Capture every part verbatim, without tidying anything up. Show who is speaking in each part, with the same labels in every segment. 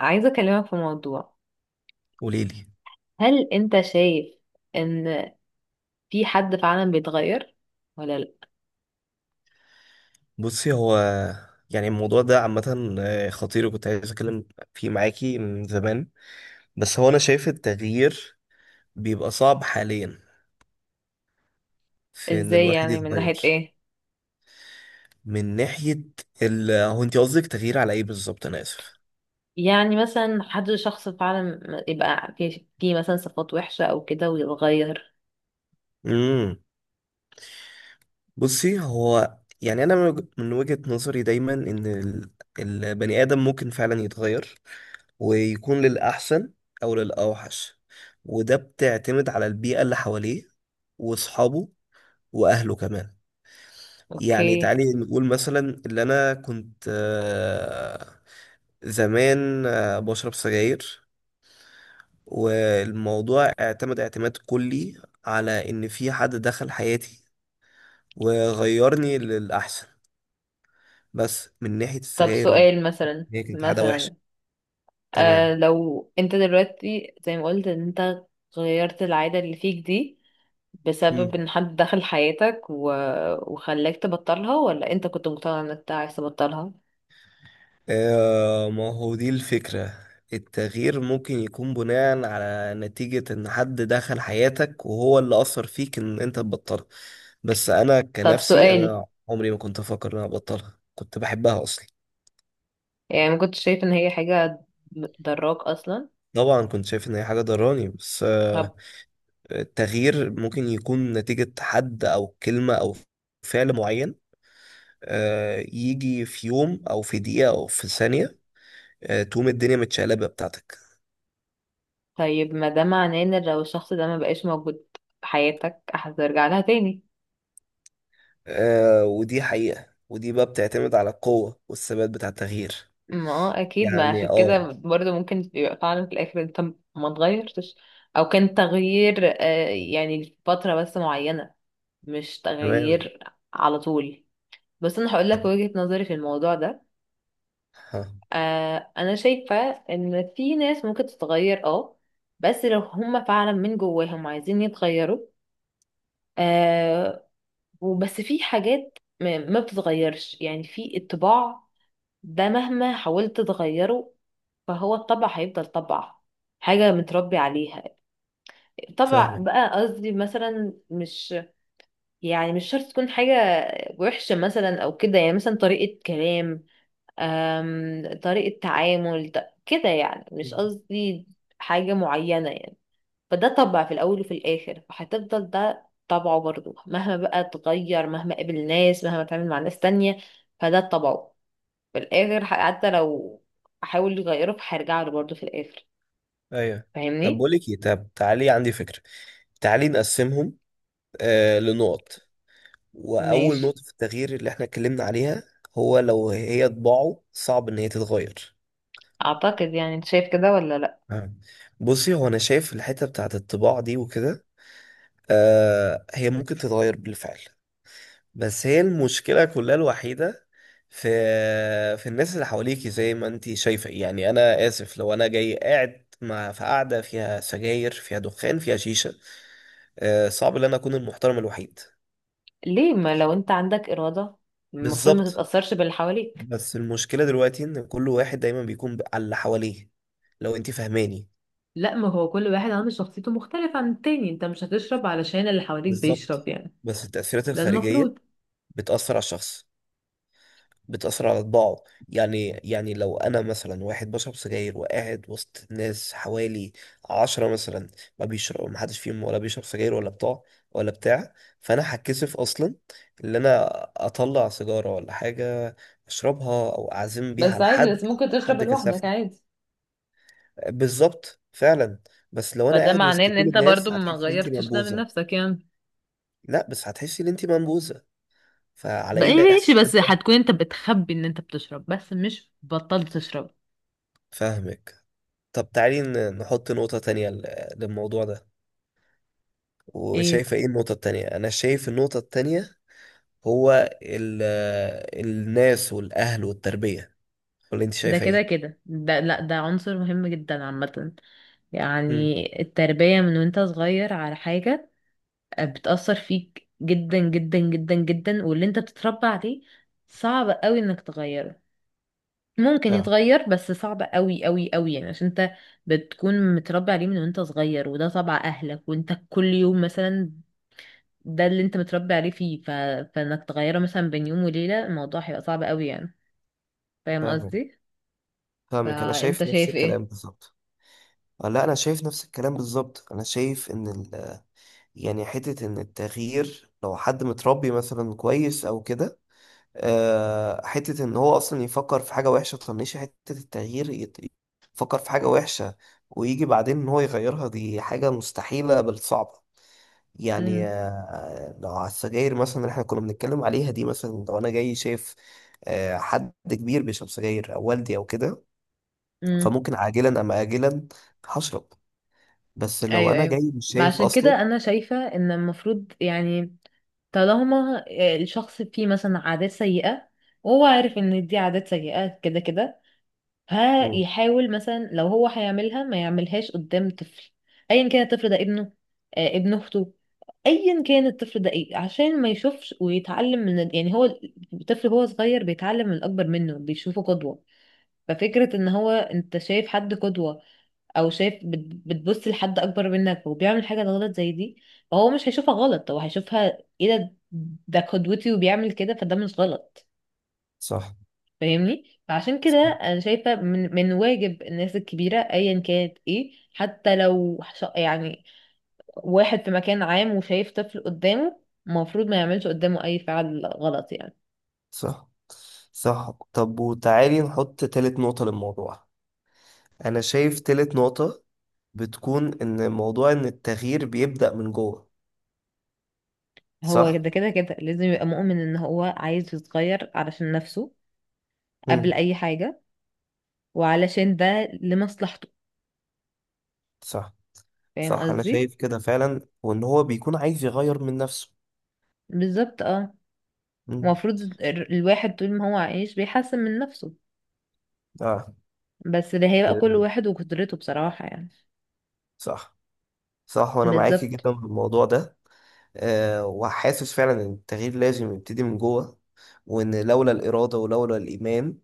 Speaker 1: عايزة أكلمك في موضوع.
Speaker 2: قولي لي.
Speaker 1: هل أنت شايف إن في حد فعلا بيتغير ولا لأ؟
Speaker 2: بصي، هو يعني الموضوع ده عامة آه، خطير، وكنت عايز أتكلم فيه معاكي من زمان. بس هو أنا شايف التغيير بيبقى صعب حاليا في إن
Speaker 1: إزاي
Speaker 2: الواحد
Speaker 1: يعني من ناحية
Speaker 2: يتغير.
Speaker 1: إيه؟
Speaker 2: من ناحية ال هو أنت قصدك تغيير على إيه بالظبط؟ أنا آسف.
Speaker 1: يعني مثلا حد شخص فعلا يبقى في في مثلا صفات وحشة أو كده ويتغير.
Speaker 2: امم بصي، هو يعني أنا من وج- من وجهة نظري دايما إن ال- البني آدم ممكن فعلا يتغير، ويكون للأحسن أو للأوحش. وده بتعتمد على البيئة اللي حواليه وأصحابه واهله كمان. يعني
Speaker 1: أوكي.
Speaker 2: تعالي نقول مثلا اللي انا كنت آه، زمان آه، بشرب سجاير. والموضوع اعتمد اعتماد كلي على ان في حد دخل حياتي وغيرني للاحسن. بس من ناحية
Speaker 1: طب
Speaker 2: السجاير، وإن
Speaker 1: سؤال مثلا.
Speaker 2: هي كانت عادة وحشة.
Speaker 1: مثلا
Speaker 2: تمام.
Speaker 1: آه لو أنت دلوقتي زي ما قلت إن أنت غيرت العادة اللي فيك دي، بسبب إن حد دخل حياتك و... وخلاك تبطلها، ولا أنت كنت مقتنع إنك أنت عايز تبطلها؟
Speaker 2: آه، ما هو دي الفكرة. التغيير ممكن يكون بناء على نتيجة ان حد دخل حياتك وهو اللي اثر فيك ان انت تبطلها. بس انا
Speaker 1: طب
Speaker 2: كنفسي،
Speaker 1: سؤال،
Speaker 2: انا عمري ما كنت افكر ان انا ابطلها، كنت بحبها اصلا.
Speaker 1: يعني ما كنتش شايفة ان هي حاجة ضراك اصلا؟
Speaker 2: طبعا كنت شايف ان هي حاجة ضراني، بس آه
Speaker 1: طب.
Speaker 2: التغيير ممكن يكون نتيجة حد او كلمة او فعل معين. آه يجي في يوم او في دقيقة او في ثانية. آه تقوم الدنيا متشقلبة بتاعتك.
Speaker 1: طيب ما ده معناه ان لو الشخص ده ما بقاش موجود في حياتك هترجع لها تاني.
Speaker 2: آه ودي حقيقة، ودي بقى بتعتمد على القوة والثبات بتاع التغيير.
Speaker 1: ما هو اكيد، ما
Speaker 2: يعني،
Speaker 1: عشان
Speaker 2: اه.
Speaker 1: كده برضه ممكن يبقى فعلا في الاخر انت ما اتغيرتش، او كان تغيير آه، يعني لفترة بس معينة، مش
Speaker 2: تمام.
Speaker 1: تغيير على طول. بس انا هقول لك وجهة نظري في الموضوع ده.
Speaker 2: ها.
Speaker 1: آه، انا شايفة ان في ناس ممكن تتغير اه، بس لو هما فعلا من جواهم عايزين يتغيروا، آه. وبس في حاجات ما ما بتتغيرش، يعني في الطباع ده مهما حاولت تغيره فهو الطبع هيفضل طبع، حاجة متربي عليها. طبع
Speaker 2: فاهمك.
Speaker 1: بقى قصدي، مثلا مش يعني مش شرط تكون حاجة وحشة مثلا أو كده، يعني مثلا طريقة كلام، آم طريقة تعامل ده- كده، يعني مش قصدي حاجة معينة يعني. فده طبع في الأول وفي الآخر، فهتفضل ده طبعه برضه مهما بقى اتغير، مهما قابل ناس، مهما اتعامل مع ناس تانية، فده طبعه في الآخر. ح- حتى لو أحاول يغيره فهيرجع له برضه في الآخر.
Speaker 2: ايوه. طب
Speaker 1: فاهمني؟
Speaker 2: بقول لك ايه، طب تعالي عندي فكرة. تعالي نقسمهم آه لنقط. وأول
Speaker 1: ماشي.
Speaker 2: نقطة في التغيير اللي احنا اتكلمنا عليها، هو لو هي طباعه صعب إن هي تتغير.
Speaker 1: أعتقد، يعني أنت شايف كده ولا لأ؟
Speaker 2: آه. بصي، هو أنا شايف الحتة بتاعت الطباع دي وكده، آه هي ممكن تتغير بالفعل. بس هي المشكلة كلها الوحيدة في في الناس اللي حواليكي زي ما انتي شايفة. يعني انا اسف لو انا جاي قاعد مع في قعدة فيها سجاير فيها دخان فيها شيشة، آه، صعب ان انا اكون المحترم الوحيد.
Speaker 1: ليه؟ ما لو أنت عندك إرادة المفروض ما
Speaker 2: بالظبط.
Speaker 1: تتأثرش باللي حواليك.
Speaker 2: بس المشكلة دلوقتي ان كل واحد دايما بيكون ب- على اللي حواليه، لو انتي فاهماني.
Speaker 1: لا، ما هو كل واحد عنده شخصيته مختلفة عن التاني، انت مش هتشرب علشان اللي حواليك بيشرب
Speaker 2: بالظبط.
Speaker 1: يعني.
Speaker 2: بس التأثيرات
Speaker 1: ده
Speaker 2: الخارجية
Speaker 1: المفروض.
Speaker 2: بتأثر على الشخص، بتأثر على طباعه. يعني يعني لو أنا مثلا واحد بشرب سجاير وقاعد وسط ناس حوالي عشرة مثلا، ما بيشرب ما حدش فيهم ولا بيشرب سجاير ولا بتاع ولا بتاع. فأنا هتكسف أصلا إن أنا أطلع سيجارة ولا حاجة، أشربها أو أعزم بيها
Speaker 1: بس
Speaker 2: على
Speaker 1: عادي،
Speaker 2: حد.
Speaker 1: بس ممكن تشرب
Speaker 2: حد
Speaker 1: لوحدك
Speaker 2: كسفني.
Speaker 1: عادي.
Speaker 2: بالظبط فعلا. بس لو أنا
Speaker 1: فده
Speaker 2: قاعد
Speaker 1: معناه
Speaker 2: وسط
Speaker 1: ان
Speaker 2: كل
Speaker 1: انت برضو
Speaker 2: الناس
Speaker 1: ما
Speaker 2: هتحسي إن أنت
Speaker 1: غيرتش ده من
Speaker 2: منبوذة.
Speaker 1: نفسك يعني.
Speaker 2: لا، بس هتحسي إن أنت منبوذة. فعلى
Speaker 1: بقى
Speaker 2: إيه
Speaker 1: إيه ماشي، بس
Speaker 2: الإحساس ده؟
Speaker 1: هتكون انت بتخبي ان انت بتشرب، بس مش بطلت تشرب.
Speaker 2: فاهمك. طب تعالي ن- نحط نقطة تانية ل- للموضوع ده.
Speaker 1: ايه
Speaker 2: وشايفة ايه النقطة التانية؟ أنا شايف النقطة التانية هو ال الناس والأهل والتربية. ولا أنت
Speaker 1: ده؟
Speaker 2: شايفة
Speaker 1: كده
Speaker 2: ايه؟
Speaker 1: كده ده، لا ده عنصر مهم جدا عامة.
Speaker 2: مم.
Speaker 1: يعني التربية من وانت صغير على حاجة بتأثر فيك جدا جدا جدا جدا، واللي انت بتتربى عليه صعب قوي انك تغيره. ممكن
Speaker 2: اه.
Speaker 1: يتغير، بس صعب قوي قوي قوي، يعني عشان انت بتكون متربي عليه من وانت صغير، وده طبع اهلك، وانت كل يوم مثلا ده اللي انت متربي عليه فيه ف... فانك تغيره مثلا بين يوم وليلة الموضوع هيبقى صعب قوي يعني. فاهم
Speaker 2: فاهمك
Speaker 1: قصدي؟
Speaker 2: فاهمك، انا
Speaker 1: فانت
Speaker 2: شايف نفس
Speaker 1: شايف ايه؟
Speaker 2: الكلام بالظبط. آه، لا، انا شايف نفس الكلام بالظبط. انا شايف ان ال... يعني حته ان التغيير لو حد متربي مثلا كويس او كده، آه، حتة إن هو أصلا يفكر في حاجة وحشة تطنشه. حتة التغيير يت- يفكر في حاجة وحشة ويجي بعدين إن هو يغيرها، دي حاجة مستحيلة بل صعبة. يعني
Speaker 1: امم.
Speaker 2: آه، لو على السجاير مثلا اللي إحنا كنا بنتكلم عليها دي، مثلا لو أنا جاي شايف آه، حد كبير بيشرب سجاير أو والدي أو كده،
Speaker 1: امم.
Speaker 2: فممكن عاجلا أم آجلا هشرب. بس لو
Speaker 1: ايوه،
Speaker 2: أنا
Speaker 1: ايوه.
Speaker 2: جاي مش
Speaker 1: ما
Speaker 2: شايف
Speaker 1: عشان
Speaker 2: أصلا.
Speaker 1: كده انا شايفة ان المفروض يعني، طالما الشخص فيه مثلا عادات سيئة، وهو عارف ان دي عادات سيئة كده كده، ها
Speaker 2: مم.
Speaker 1: يحاول مثلا لو هو هيعملها ما يعملهاش قدام طفل. ايا كان الطفل ده، ابنه، آه ابن اخته، ايا كان الطفل ده ايه، عشان ما يشوفش ويتعلم من ال- يعني هو الطفل هو صغير بيتعلم من الاكبر منه، بيشوفه قدوة. ففكرة ان هو، انت شايف حد قدوة، او شايف بت- بتبص لحد اكبر منك وبيعمل حاجة غلط زي دي، فهو مش هيشوفها غلط، هو هيشوفها ايه؟ ده ده قدوتي وبيعمل كده فده مش غلط.
Speaker 2: صح،
Speaker 1: فاهمني؟ فعشان كده انا شايفه من من واجب الناس الكبيره ايا كانت ايه، حتى لو ش- يعني واحد في مكان عام وشايف طفل قدامه، المفروض ما يعملش قدامه اي فعل غلط يعني.
Speaker 2: صح، صح. طب وتعالي نحط تالت نقطة للموضوع. انا شايف تالت نقطة بتكون ان موضوع ان التغيير بيبدأ من جوه،
Speaker 1: هو
Speaker 2: صح؟
Speaker 1: كده كده كده لازم يبقى مؤمن ان هو عايز يتغير علشان نفسه قبل
Speaker 2: مم.
Speaker 1: اي حاجه، وعلشان ده لمصلحته.
Speaker 2: صح،
Speaker 1: فاهم
Speaker 2: صح. انا
Speaker 1: قصدي؟
Speaker 2: شايف كده فعلا، وان هو بيكون عايز يغير من نفسه.
Speaker 1: بالظبط اه.
Speaker 2: مم.
Speaker 1: المفروض ال- الواحد طول ما هو عايش بيحسن من نفسه،
Speaker 2: اه.
Speaker 1: بس ده هيبقى كل واحد وقدرته بصراحه يعني.
Speaker 2: صح، صح، وانا معاكي
Speaker 1: بالظبط.
Speaker 2: جدا في الموضوع ده. أه، وحاسس فعلا ان التغيير لازم يبتدي من جوه، وان لولا الإرادة ولولا الإيمان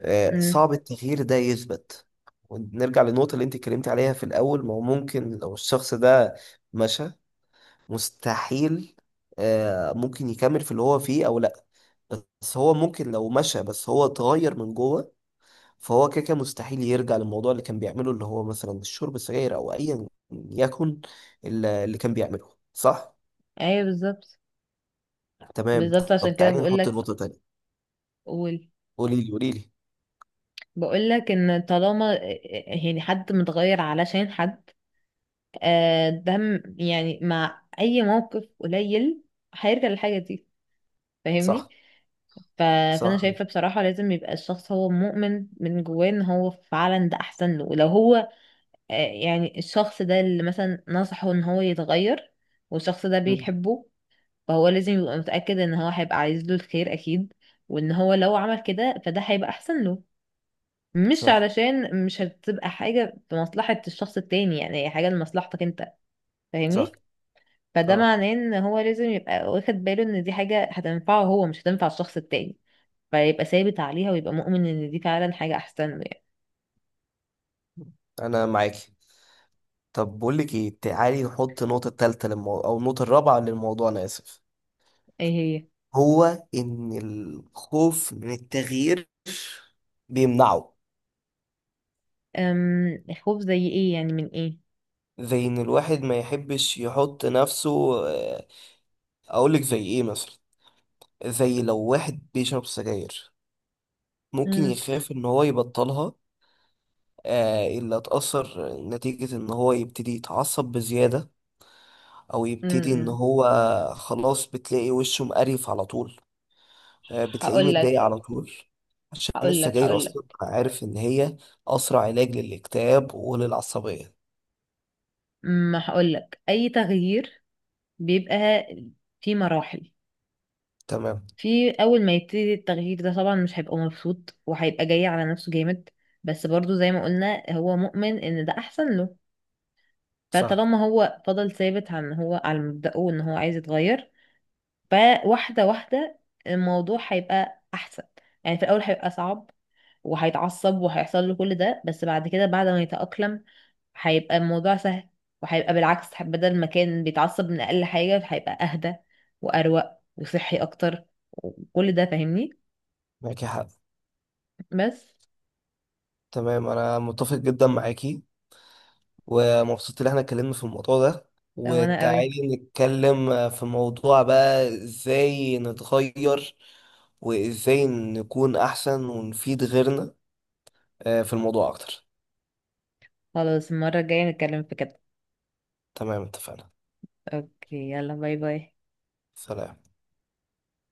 Speaker 2: أه
Speaker 1: إمم.
Speaker 2: صعب التغيير ده يثبت. ونرجع للنقطة اللي انت اتكلمتي عليها في الأول، ما هو ممكن لو الشخص ده مشى مستحيل. آه، ممكن يكمل في اللي هو فيه او لا. بس هو ممكن لو مشى بس هو اتغير من جوه، فهو كده كده مستحيل يرجع للموضوع اللي كان بيعمله، اللي هو مثلا الشرب السجاير او ايا يكن ال- اللي كان بيعمله. صح.
Speaker 1: ايوه بالظبط.
Speaker 2: تمام.
Speaker 1: بالظبط عشان
Speaker 2: طب
Speaker 1: كده
Speaker 2: تعالي
Speaker 1: بقول
Speaker 2: نحط
Speaker 1: لك.
Speaker 2: نقطة تانية.
Speaker 1: قول.
Speaker 2: قولي لي قولي لي.
Speaker 1: بقول لك ان طالما، يعني حد متغير علشان حد، آه، ده م- يعني مع اي موقف قليل هيرجع للحاجه دي. فاهمني؟
Speaker 2: صح.
Speaker 1: ف... فانا
Speaker 2: صح.
Speaker 1: شايفه بصراحه لازم يبقى الشخص هو مؤمن من جواه ان هو فعلا ده احسن له، ولو هو آه، يعني الشخص ده اللي مثلا نصحه ان هو يتغير والشخص ده
Speaker 2: مم.
Speaker 1: بيحبه، فهو لازم يبقى متاكد ان هو هيبقى عايز له الخير اكيد، وان هو لو عمل كده فده هيبقى احسن له. مش
Speaker 2: صح،
Speaker 1: علشان، مش هتبقى حاجة في مصلحة الشخص التاني، يعني هي حاجة لمصلحتك انت.
Speaker 2: صح.
Speaker 1: فاهمني؟ فده
Speaker 2: اه،
Speaker 1: معناه ان هو لازم يبقى واخد باله ان دي حاجة هتنفعه هو، مش هتنفع الشخص التاني، فيبقى ثابت عليها ويبقى مؤمن ان دي فعلا حاجة احسن له يعني.
Speaker 2: انا معاكي. طب بقول لك ايه، تعالي نحط النقطة التالتة للموضوع او النقطة الرابعة للموضوع، انا اسف.
Speaker 1: ايه هي؟
Speaker 2: هو إن الخوف من التغيير بيمنعه.
Speaker 1: أم خوف زي ايه يعني، من ايه؟
Speaker 2: زي إن الواحد ما يحبش يحط نفسه، آه، أقولك زي إيه مثلا، زي لو واحد بيشرب سجاير ممكن
Speaker 1: أم،
Speaker 2: يخاف إن هو يبطلها. آه، إلا اتأثر نتيجة إن هو يبتدي يتعصب بزيادة، أو
Speaker 1: أم،
Speaker 2: يبتدي إن
Speaker 1: أم.
Speaker 2: هو خلاص بتلاقي وشه مقرف على طول. آه، بتلاقيه
Speaker 1: هقول لك.
Speaker 2: متضايق على طول عشان
Speaker 1: هقول لك
Speaker 2: السجاير
Speaker 1: هقول
Speaker 2: أصلا
Speaker 1: لك
Speaker 2: عارف إن هي أسرع علاج للاكتئاب وللعصبية.
Speaker 1: ما هقول لك، اي تغيير بيبقى في مراحل.
Speaker 2: تمام.
Speaker 1: في اول ما يبتدي التغيير ده طبعا مش هيبقى مبسوط، وهيبقى جاي على نفسه جامد، بس برضو زي ما قلنا هو مؤمن ان ده احسن له.
Speaker 2: صح.
Speaker 1: فطالما هو فضل ثابت عن هو على مبدأه ان هو عايز يتغير، فواحدة واحدة الموضوع هيبقى احسن. يعني في الاول هيبقى صعب وهيتعصب وهيحصل له كل ده، بس بعد كده بعد ما يتأقلم هيبقى الموضوع سهل. وهيبقى بالعكس، بدل ما كان بيتعصب من اقل حاجة هيبقى اهدى واروق وصحي اكتر وكل ده. فاهمني؟
Speaker 2: معاكي حق.
Speaker 1: بس.
Speaker 2: تمام، انا متفق جدا معاكي، ومبسوط ان احنا اتكلمنا في الموضوع ده.
Speaker 1: وانا قوي.
Speaker 2: وتعالي نتكلم في موضوع بقى ازاي نتغير، وازاي نكون احسن ونفيد غيرنا آه، في الموضوع اكتر.
Speaker 1: خلاص المرة الجاية نتكلم في كده.
Speaker 2: تمام اتفقنا.
Speaker 1: اوكي، يلا باي باي.
Speaker 2: سلام.